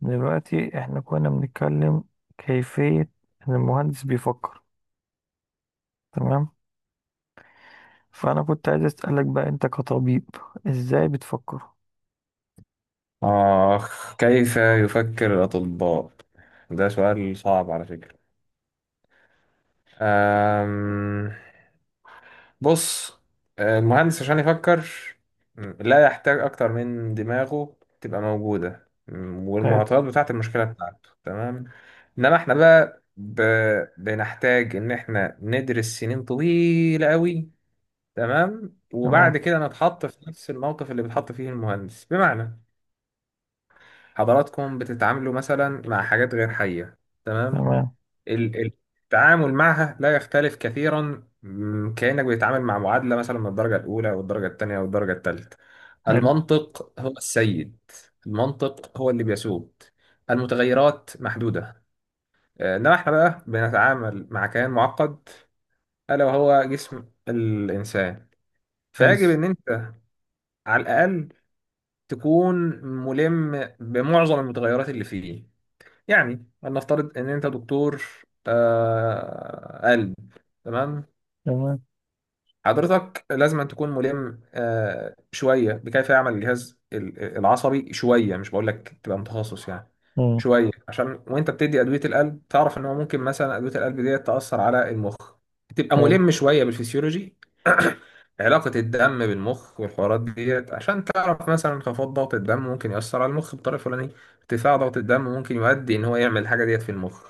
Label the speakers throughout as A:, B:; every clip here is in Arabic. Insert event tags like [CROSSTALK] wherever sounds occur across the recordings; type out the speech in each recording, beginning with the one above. A: دلوقتي احنا كنا بنتكلم كيفية ان المهندس بيفكر. تمام. فانا كنت عايز اسألك بقى انت كطبيب ازاي بتفكر.
B: آخ، كيف يفكر الأطباء؟ ده سؤال صعب على فكرة. أم... بص، المهندس عشان يفكر لا يحتاج أكتر من دماغه تبقى موجودة
A: حلو.
B: والمعطيات بتاعة المشكلة بتاعته، تمام. إنما إحنا بقى بنحتاج إن إحنا ندرس سنين طويلة أوي، تمام. وبعد
A: تمام.
B: كده نتحط في نفس الموقف اللي بيتحط فيه المهندس، بمعنى حضراتكم بتتعاملوا مثلا مع حاجات غير حية، تمام.
A: تمام.
B: ال- ال- التعامل معها لا يختلف كثيرا، كأنك بتتعامل مع معادلة مثلا من الدرجة الأولى والدرجة الثانية والدرجة الثالثة.
A: حلو.
B: المنطق هو السيد، المنطق هو اللي بيسود، المتغيرات محدودة. إنما إحنا بقى بنتعامل مع كيان معقد، ألا وهو جسم الإنسان.
A: حلو.
B: فيجب إن أنت على الأقل تكون ملم بمعظم المتغيرات اللي فيه. يعني لنفترض ان انت دكتور قلب، تمام.
A: تمام.
B: حضرتك لازم أن تكون ملم شوية بكيف يعمل الجهاز العصبي، شوية، مش بقول لك تبقى متخصص يعني.
A: مم.
B: شوية عشان وانت بتدي أدوية القلب تعرف ان هو ممكن مثلا أدوية القلب دي تأثر على المخ، تبقى
A: حلو.
B: ملم شوية بالفسيولوجي. [CLEARS THROAT] علاقة الدم بالمخ والحوارات ديت عشان تعرف مثلا انخفاض ضغط الدم ممكن يأثر على المخ بطريقة فلانية، ارتفاع ضغط الدم ممكن يؤدي ان هو يعمل الحاجة ديت في المخ،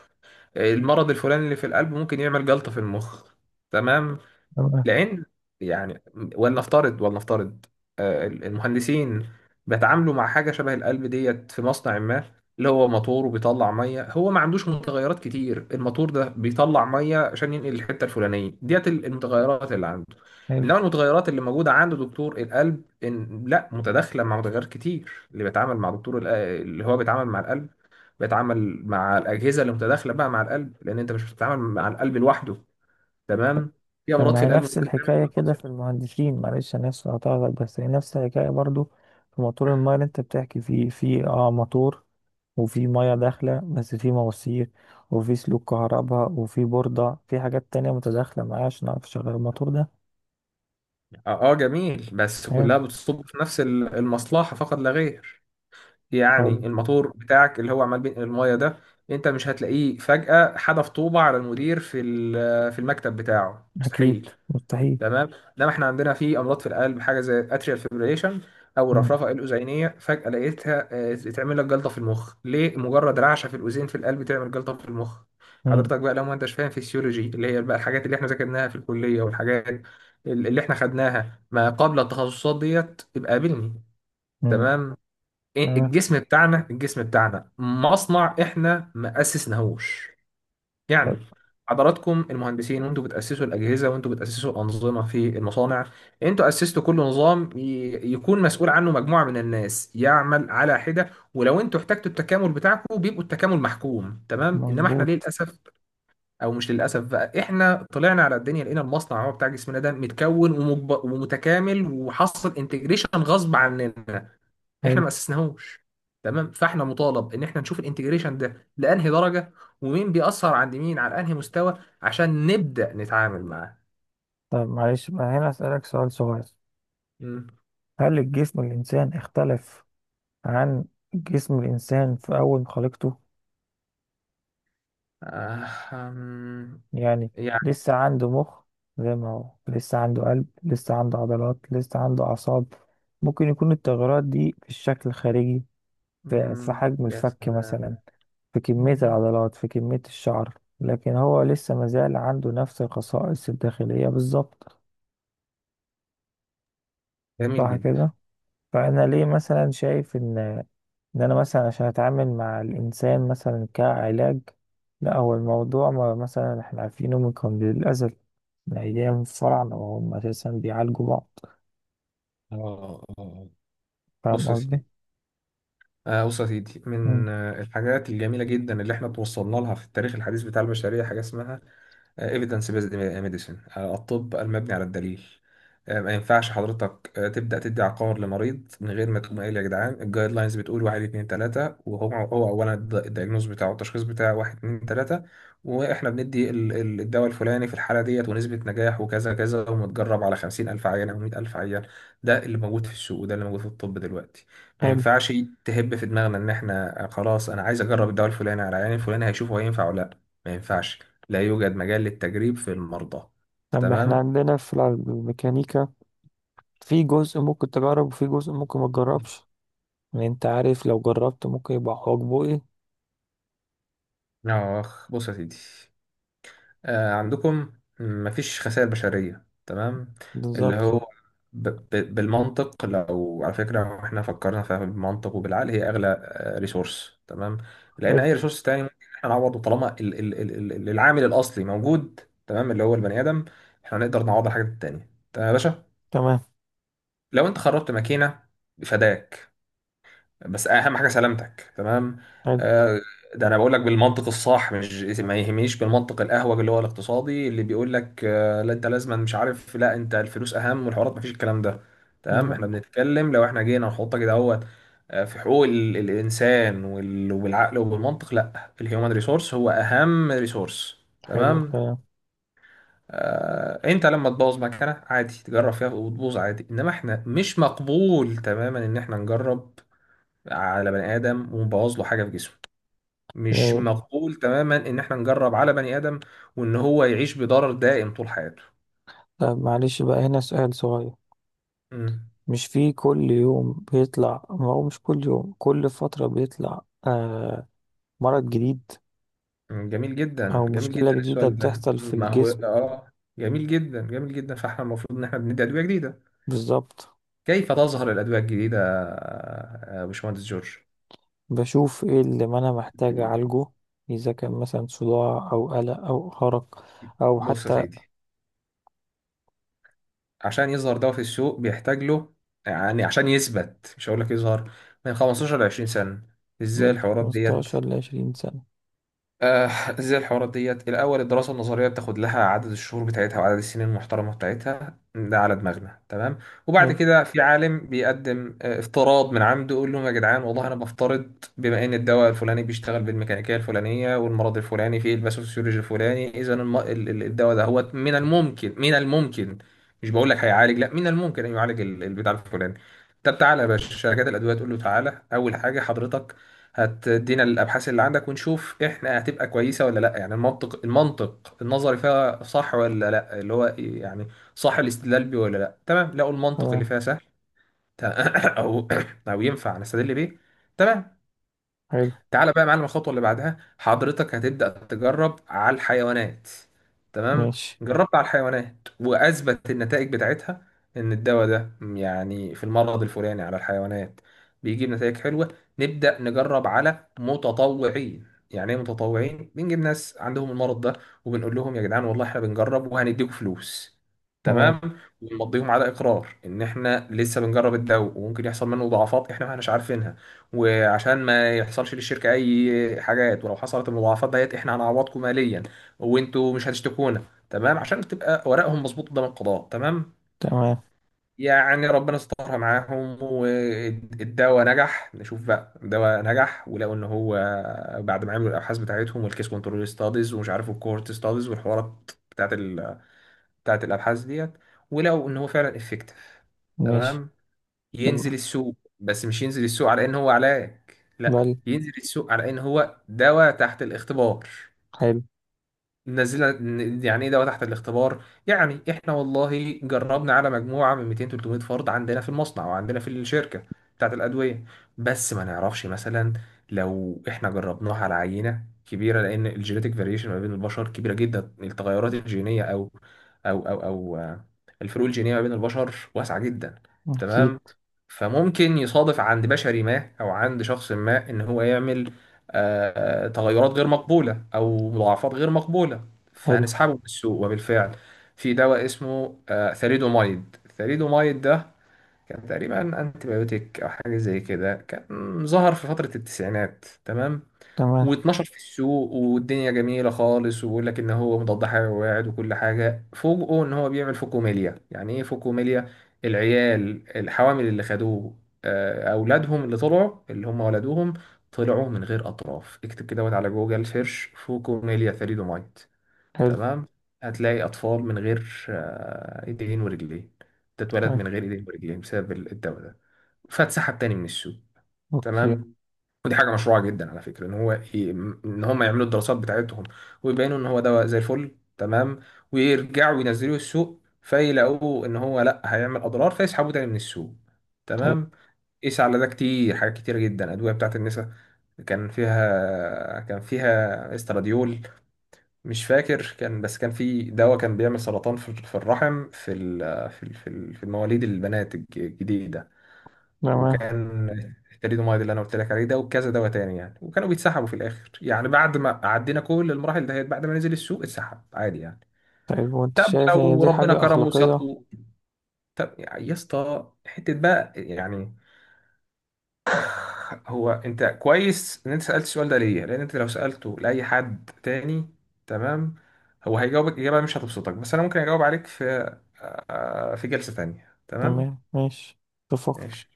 B: المرض الفلاني اللي في القلب ممكن يعمل جلطة في المخ، تمام.
A: تمام.
B: لان، يعني، ولنفترض، المهندسين بيتعاملوا مع حاجه شبه القلب ديت في مصنع ما، اللي هو موتور وبيطلع ميه، هو ما عندوش متغيرات كتير. الموتور ده بيطلع ميه عشان ينقل الحته الفلانيه ديت، المتغيرات اللي عنده.
A: حلو.
B: انما المتغيرات اللي موجوده عند دكتور القلب إن لا متداخله مع متغيرات كتير. اللي بيتعامل مع دكتور اللي هو بيتعامل مع القلب، بيتعامل مع الاجهزه اللي متداخله بقى مع القلب، لان انت مش بتتعامل مع القلب لوحده، تمام. في
A: طب
B: امراض
A: ما
B: في
A: هي
B: القلب
A: نفس
B: ممكن تعمل
A: الحكاية
B: بلوكات
A: كده
B: في
A: في
B: القلب.
A: المهندسين، معلش أنا آسف هقطعك، بس هي نفس الحكاية برضو. في موتور الماية اللي أنت بتحكي فيه، في موتور، وفي مية داخلة بس في مواسير، وفي سلوك كهرباء وفي بوردة، في حاجات تانية متداخلة معاه عشان أعرف أشغل الموتور ده.
B: جميل، بس
A: أيوة.
B: كلها بتصب في نفس المصلحه فقط لا غير. يعني
A: أيوة.
B: الموتور بتاعك اللي هو عمال بينقل المايه ده، انت مش هتلاقيه فجأة حدف طوبة على المدير في في المكتب بتاعه،
A: أكيد
B: مستحيل،
A: مستحيل.
B: تمام. انما احنا عندنا في امراض في القلب حاجه زي اتريال فيبريليشن او
A: مم.
B: الرفرفه الاذينيه، فجاه لقيتها تعمل لك جلطه في المخ. ليه مجرد رعشه في الاذين في القلب تعمل جلطه في المخ؟
A: مم.
B: حضرتك بقى لو ما انتش فاهم فيسيولوجي اللي هي بقى الحاجات اللي احنا ذاكرناها في الكليه والحاجات اللي احنا خدناها ما قبل التخصصات ديت، يبقى قابلني،
A: مم.
B: تمام.
A: آه.
B: الجسم بتاعنا مصنع، احنا ما اسسناهوش،
A: لا.
B: يعني حضراتكم المهندسين وانتوا بتأسسوا الأجهزة وانتوا بتأسسوا الأنظمة في المصانع. انتوا أسستوا كل نظام يكون مسؤول عنه مجموعة من الناس يعمل على حدة، ولو انتوا احتجتوا التكامل بتاعكم بيبقوا التكامل محكوم، تمام. انما احنا، ليه
A: مظبوط.
B: للأسف، او مش للأسف بقى، احنا طلعنا على الدنيا لقينا المصنع هو بتاع جسمنا ده متكون ومتكامل، وحصل انتجريشن غصب عننا. احنا
A: حلو.
B: ما اسسناهوش، تمام. فاحنا مطالب ان احنا نشوف الانتجريشن ده لانهي درجه، ومين بيأثر عند مين على انهي مستوى عشان نبدأ نتعامل معاه.
A: طب معلش بقى هنا أسألك سؤال صغير.
B: مم.
A: هل الجسم الإنسان اختلف عن جسم الإنسان في أول ما خلقته؟
B: آه، أم،
A: يعني
B: يعني.
A: لسه عنده مخ زي ما هو، لسه عنده قلب، لسه عنده عضلات، لسه عنده أعصاب. ممكن يكون التغيرات دي في الشكل الخارجي، في
B: مم،
A: حجم
B: يا
A: الفك مثلا،
B: سلام.
A: في كمية العضلات، في كمية الشعر، لكن هو لسه مازال عنده نفس الخصائص الداخلية بالظبط.
B: جميل
A: صح
B: جدا.
A: كده؟ فأنا ليه مثلا شايف إن انا مثلا عشان اتعامل مع الانسان مثلا كعلاج. لا، هو الموضوع ما مثلا احنا عارفينه من قبل الازل، من ايام الفراعنه وهم اساسا بيعالجوا بعض.
B: آه آه آه.
A: فاهم
B: بص يا سيدي.
A: قصدي؟
B: بص يا سيدي،
A: مم.
B: من الحاجات الجميلة جدا اللي احنا توصلنا لها في التاريخ الحديث بتاع البشرية حاجة اسمها ايفيدنس بيزد ميديسن، الطب المبني على الدليل. ما ينفعش حضرتك تبدا تدي عقار لمريض من غير ما تقوم قايل يا جدعان الجايد لاينز بتقول واحد اتنين تلاته، وهو اولا الدايجنوز بتاعه التشخيص بتاعه واحد اتنين تلاته، واحنا بندي الدواء الفلاني في الحاله ديت ونسبه نجاح وكذا كذا، ومتجرب على 50,000 عيان او 100,000 عيان. ده اللي موجود في السوق وده اللي موجود في الطب دلوقتي. ما
A: حلو.
B: ينفعش تهب في دماغنا ان احنا خلاص انا عايز اجرب الدواء الفلاني على العيان الفلاني هيشوفه هينفع ولا لا. ما ينفعش، لا يوجد مجال للتجريب في المرضى،
A: طب احنا
B: تمام.
A: عندنا في الميكانيكا في جزء ممكن تجرب وفي جزء ممكن ما تجربش. يعني انت عارف لو جربت ممكن يبقى حواجبه ايه.
B: اخ، بص يا سيدي، عندكم مفيش خسائر بشرية، تمام. اللي
A: بالظبط.
B: هو ب ب بالمنطق، لو، على فكرة، لو احنا فكرنا فيها بالمنطق وبالعقل، هي اغلى ريسورس، تمام. لان
A: حلو.
B: اي ريسورس تاني ممكن احنا نعوضه طالما ال العامل الاصلي موجود، تمام، اللي هو البني ادم. احنا نقدر نعوض الحاجات التانية، تمام يا باشا.
A: تمام.
B: لو انت خربت ماكينة فداك، بس اهم حاجه سلامتك، تمام.
A: حلو.
B: آه، ده انا بقول لك بالمنطق الصح، مش ما يهمنيش بالمنطق الاهوج اللي هو الاقتصادي اللي بيقول لك لا انت لازما مش عارف، لا انت الفلوس اهم والحوارات، ما فيش الكلام ده، تمام. احنا
A: ده.
B: بنتكلم لو احنا جينا نحط كده اهوت، في حقوق الانسان وبالعقل وبالمنطق، لا، الهيومن ريسورس هو اهم ريسورس،
A: حلو
B: تمام.
A: كلام.
B: انت لما تبوظ مكانه عادي تجرب فيها وتبوظ عادي، انما احنا مش مقبول تماما ان احنا نجرب على بني ادم ومبوظ له حاجه في جسمه. مش
A: يعني.
B: مقبول تماما ان احنا نجرب على بني ادم وان هو يعيش بضرر دائم طول حياته.
A: طب معلش بقى هنا سؤال صغير.
B: مم.
A: مش في كل يوم بيطلع، ما هو مش كل يوم، كل فترة بيطلع آه مرض جديد
B: مم. جميل جدا،
A: أو
B: جميل
A: مشكلة
B: جدا
A: جديدة
B: السؤال ده.
A: بتحصل في
B: مم. ما هو
A: الجسم.
B: جميل جدا، جميل جدا. فاحنا المفروض ان احنا بندي ادويه جديده.
A: بالظبط.
B: كيف تظهر الادويه الجديده؟ يا باشمهندس جورج،
A: بشوف ايه اللي ما أنا محتاج أعالجه، إذا كان مثلا صداع أو قلق أو أرق، أو
B: بص يا
A: حتى
B: سيدي، عشان يظهر دواء في السوق بيحتاج له، يعني عشان يثبت مش هقول لك يظهر، من 15 ل 20 سنة. ازاي
A: من
B: الحوارات ديت
A: 15 لـ 20 سنة.
B: آه زي الحوارات ديت، الأول الدراسة النظرية بتاخد لها عدد الشهور بتاعتها وعدد السنين المحترمة بتاعتها، ده على دماغنا، تمام. وبعد
A: حلو.
B: كده في عالم بيقدم افتراض من عنده، يقول لهم يا جدعان والله أنا بفترض بما إن الدواء الفلاني بيشتغل بالميكانيكية الفلانية والمرض الفلاني في الباثوفيسيولوجي الفلاني، إذا الدواء ده هو من الممكن، مش بقول لك هيعالج، لا، من الممكن أن يعالج البتاع الفلاني. طب تعالى يا باشا شركات الأدوية تقول له تعالى، أول حاجة حضرتك هتدينا الابحاث اللي عندك ونشوف احنا هتبقى كويسه ولا لا، يعني المنطق، المنطق النظري فيها صح ولا لا، اللي هو إيه يعني، صح الاستدلال بيه ولا لا، تمام. لقوا المنطق اللي
A: تمام.
B: فيها سهل، تمام. [COUGHS] او [COUGHS] او ينفع نستدل بيه، تمام.
A: حلو.
B: تعالى بقى يا معلم، الخطوه اللي بعدها حضرتك هتبدا تجرب على الحيوانات، تمام.
A: ماشي.
B: جربت على الحيوانات واثبت النتائج بتاعتها ان الدواء ده، يعني، في المرض الفلاني على الحيوانات بيجيب نتائج حلوه. نبدا نجرب على متطوعين. يعني ايه متطوعين؟ بنجيب ناس عندهم المرض ده وبنقول لهم يا جدعان والله احنا بنجرب وهنديكم فلوس،
A: تمام.
B: تمام. ونمضيهم على اقرار ان احنا لسه بنجرب الدواء وممكن يحصل منه ضعفات احنا ما احناش عارفينها، وعشان ما يحصلش للشركة أي حاجات، ولو حصلت المضاعفات ديت إحنا هنعوضكم ماليا وأنتوا مش هتشتكونا، تمام، عشان تبقى ورقهم مظبوط قدام القضاء، تمام.
A: تمام
B: يعني ربنا استرها معاهم والدواء نجح. نشوف بقى الدواء نجح، ولقوا إن هو، بعد ما عملوا الأبحاث بتاعتهم والكيس كنترول ستاديز ومش عارف الكورت ستاديز والحوارات بتاعت الأبحاث ديت، ولقوا إن هو فعلا افكتيف،
A: ماشي.
B: تمام. ينزل
A: تمام.
B: السوق، بس مش ينزل السوق على ان هو علاج، لا،
A: بل.
B: ينزل السوق على ان هو دواء تحت الاختبار.
A: حلو.
B: يعني ايه دواء تحت الاختبار؟ يعني احنا والله جربنا على مجموعه من 200 300 فرد عندنا في المصنع وعندنا في الشركه بتاعت الادويه، بس ما نعرفش مثلا لو احنا جربناها على عينه كبيره، لان الجينيتك فاريشن ما بين البشر كبيره جدا، التغيرات الجينيه، او او او او آه، الفروق الجينيه ما بين البشر واسعه جدا،
A: أكيد.
B: تمام. فممكن يصادف عند بشري ما او عند شخص ما ان هو يعمل تغيرات غير مقبولة أو مضاعفات غير مقبولة،
A: حلو.
B: فهنسحبه من السوق. وبالفعل في دواء اسمه ثalidomide، الثalidomide ده كان تقريبا انتي بايوتيك أو حاجة زي كده، كان ظهر في فترة التسعينات، تمام.
A: تمام.
B: و12 في السوق والدنيا جميلة خالص ويقول لك إن هو مضاد حيوي وكل حاجة، فوجئوا إن هو بيعمل فوكوميليا. يعني إيه فوكوميليا؟ العيال الحوامل اللي خدوه أولادهم اللي طلعوا اللي هم ولدوهم طلعوا من غير أطراف. اكتب كده، وات على جوجل سيرش، فوكوميليا ثريدومايت،
A: حلو.
B: تمام. هتلاقي أطفال من غير إيدين ورجلين، تتولد
A: طيب.
B: من غير إيدين ورجلين بسبب الدواء ده، فاتسحب تاني من السوق. تمام
A: أوكي.
B: ودي حاجه مشروعه جدا على فكره ان هو ان هم يعملوا الدراسات بتاعتهم ويبينوا ان هو دواء زي الفل، تمام، ويرجعوا ينزلوه السوق فيلاقوه ان هو لا، هيعمل اضرار، فيسحبوه تاني من السوق،
A: طيب.
B: تمام. قيس على ده كتير، حاجات كتيره جدا ادويه بتاعت النساء، كان فيها استراديول مش فاكر، كان، بس كان في دواء كان بيعمل سرطان في الرحم، في في المواليد البنات الجديده.
A: تمام.
B: وكان الثاليدومايد اللي انا قلت لك عليه ده، وكذا دواء تاني يعني، وكانوا بيتسحبوا في الاخر يعني، بعد ما عدينا كل المراحل دهيت، بعد ما نزل السوق اتسحب عادي يعني.
A: طيب وانت
B: طب
A: شايف ان
B: لو
A: دي
B: ربنا
A: حاجة
B: كرمه
A: اخلاقية؟
B: وسطه، طب يا اسطى حته بقى يعني، هو انت كويس ان انت سالت السؤال ده، ليه؟ لان انت لو سالته لاي حد تاني، تمام، هو هيجاوبك اجابه مش هتبسطك، بس انا ممكن اجاوب عليك في في جلسه تانيه، تمام.
A: تمام ماشي. اتفقت.
B: ماشي.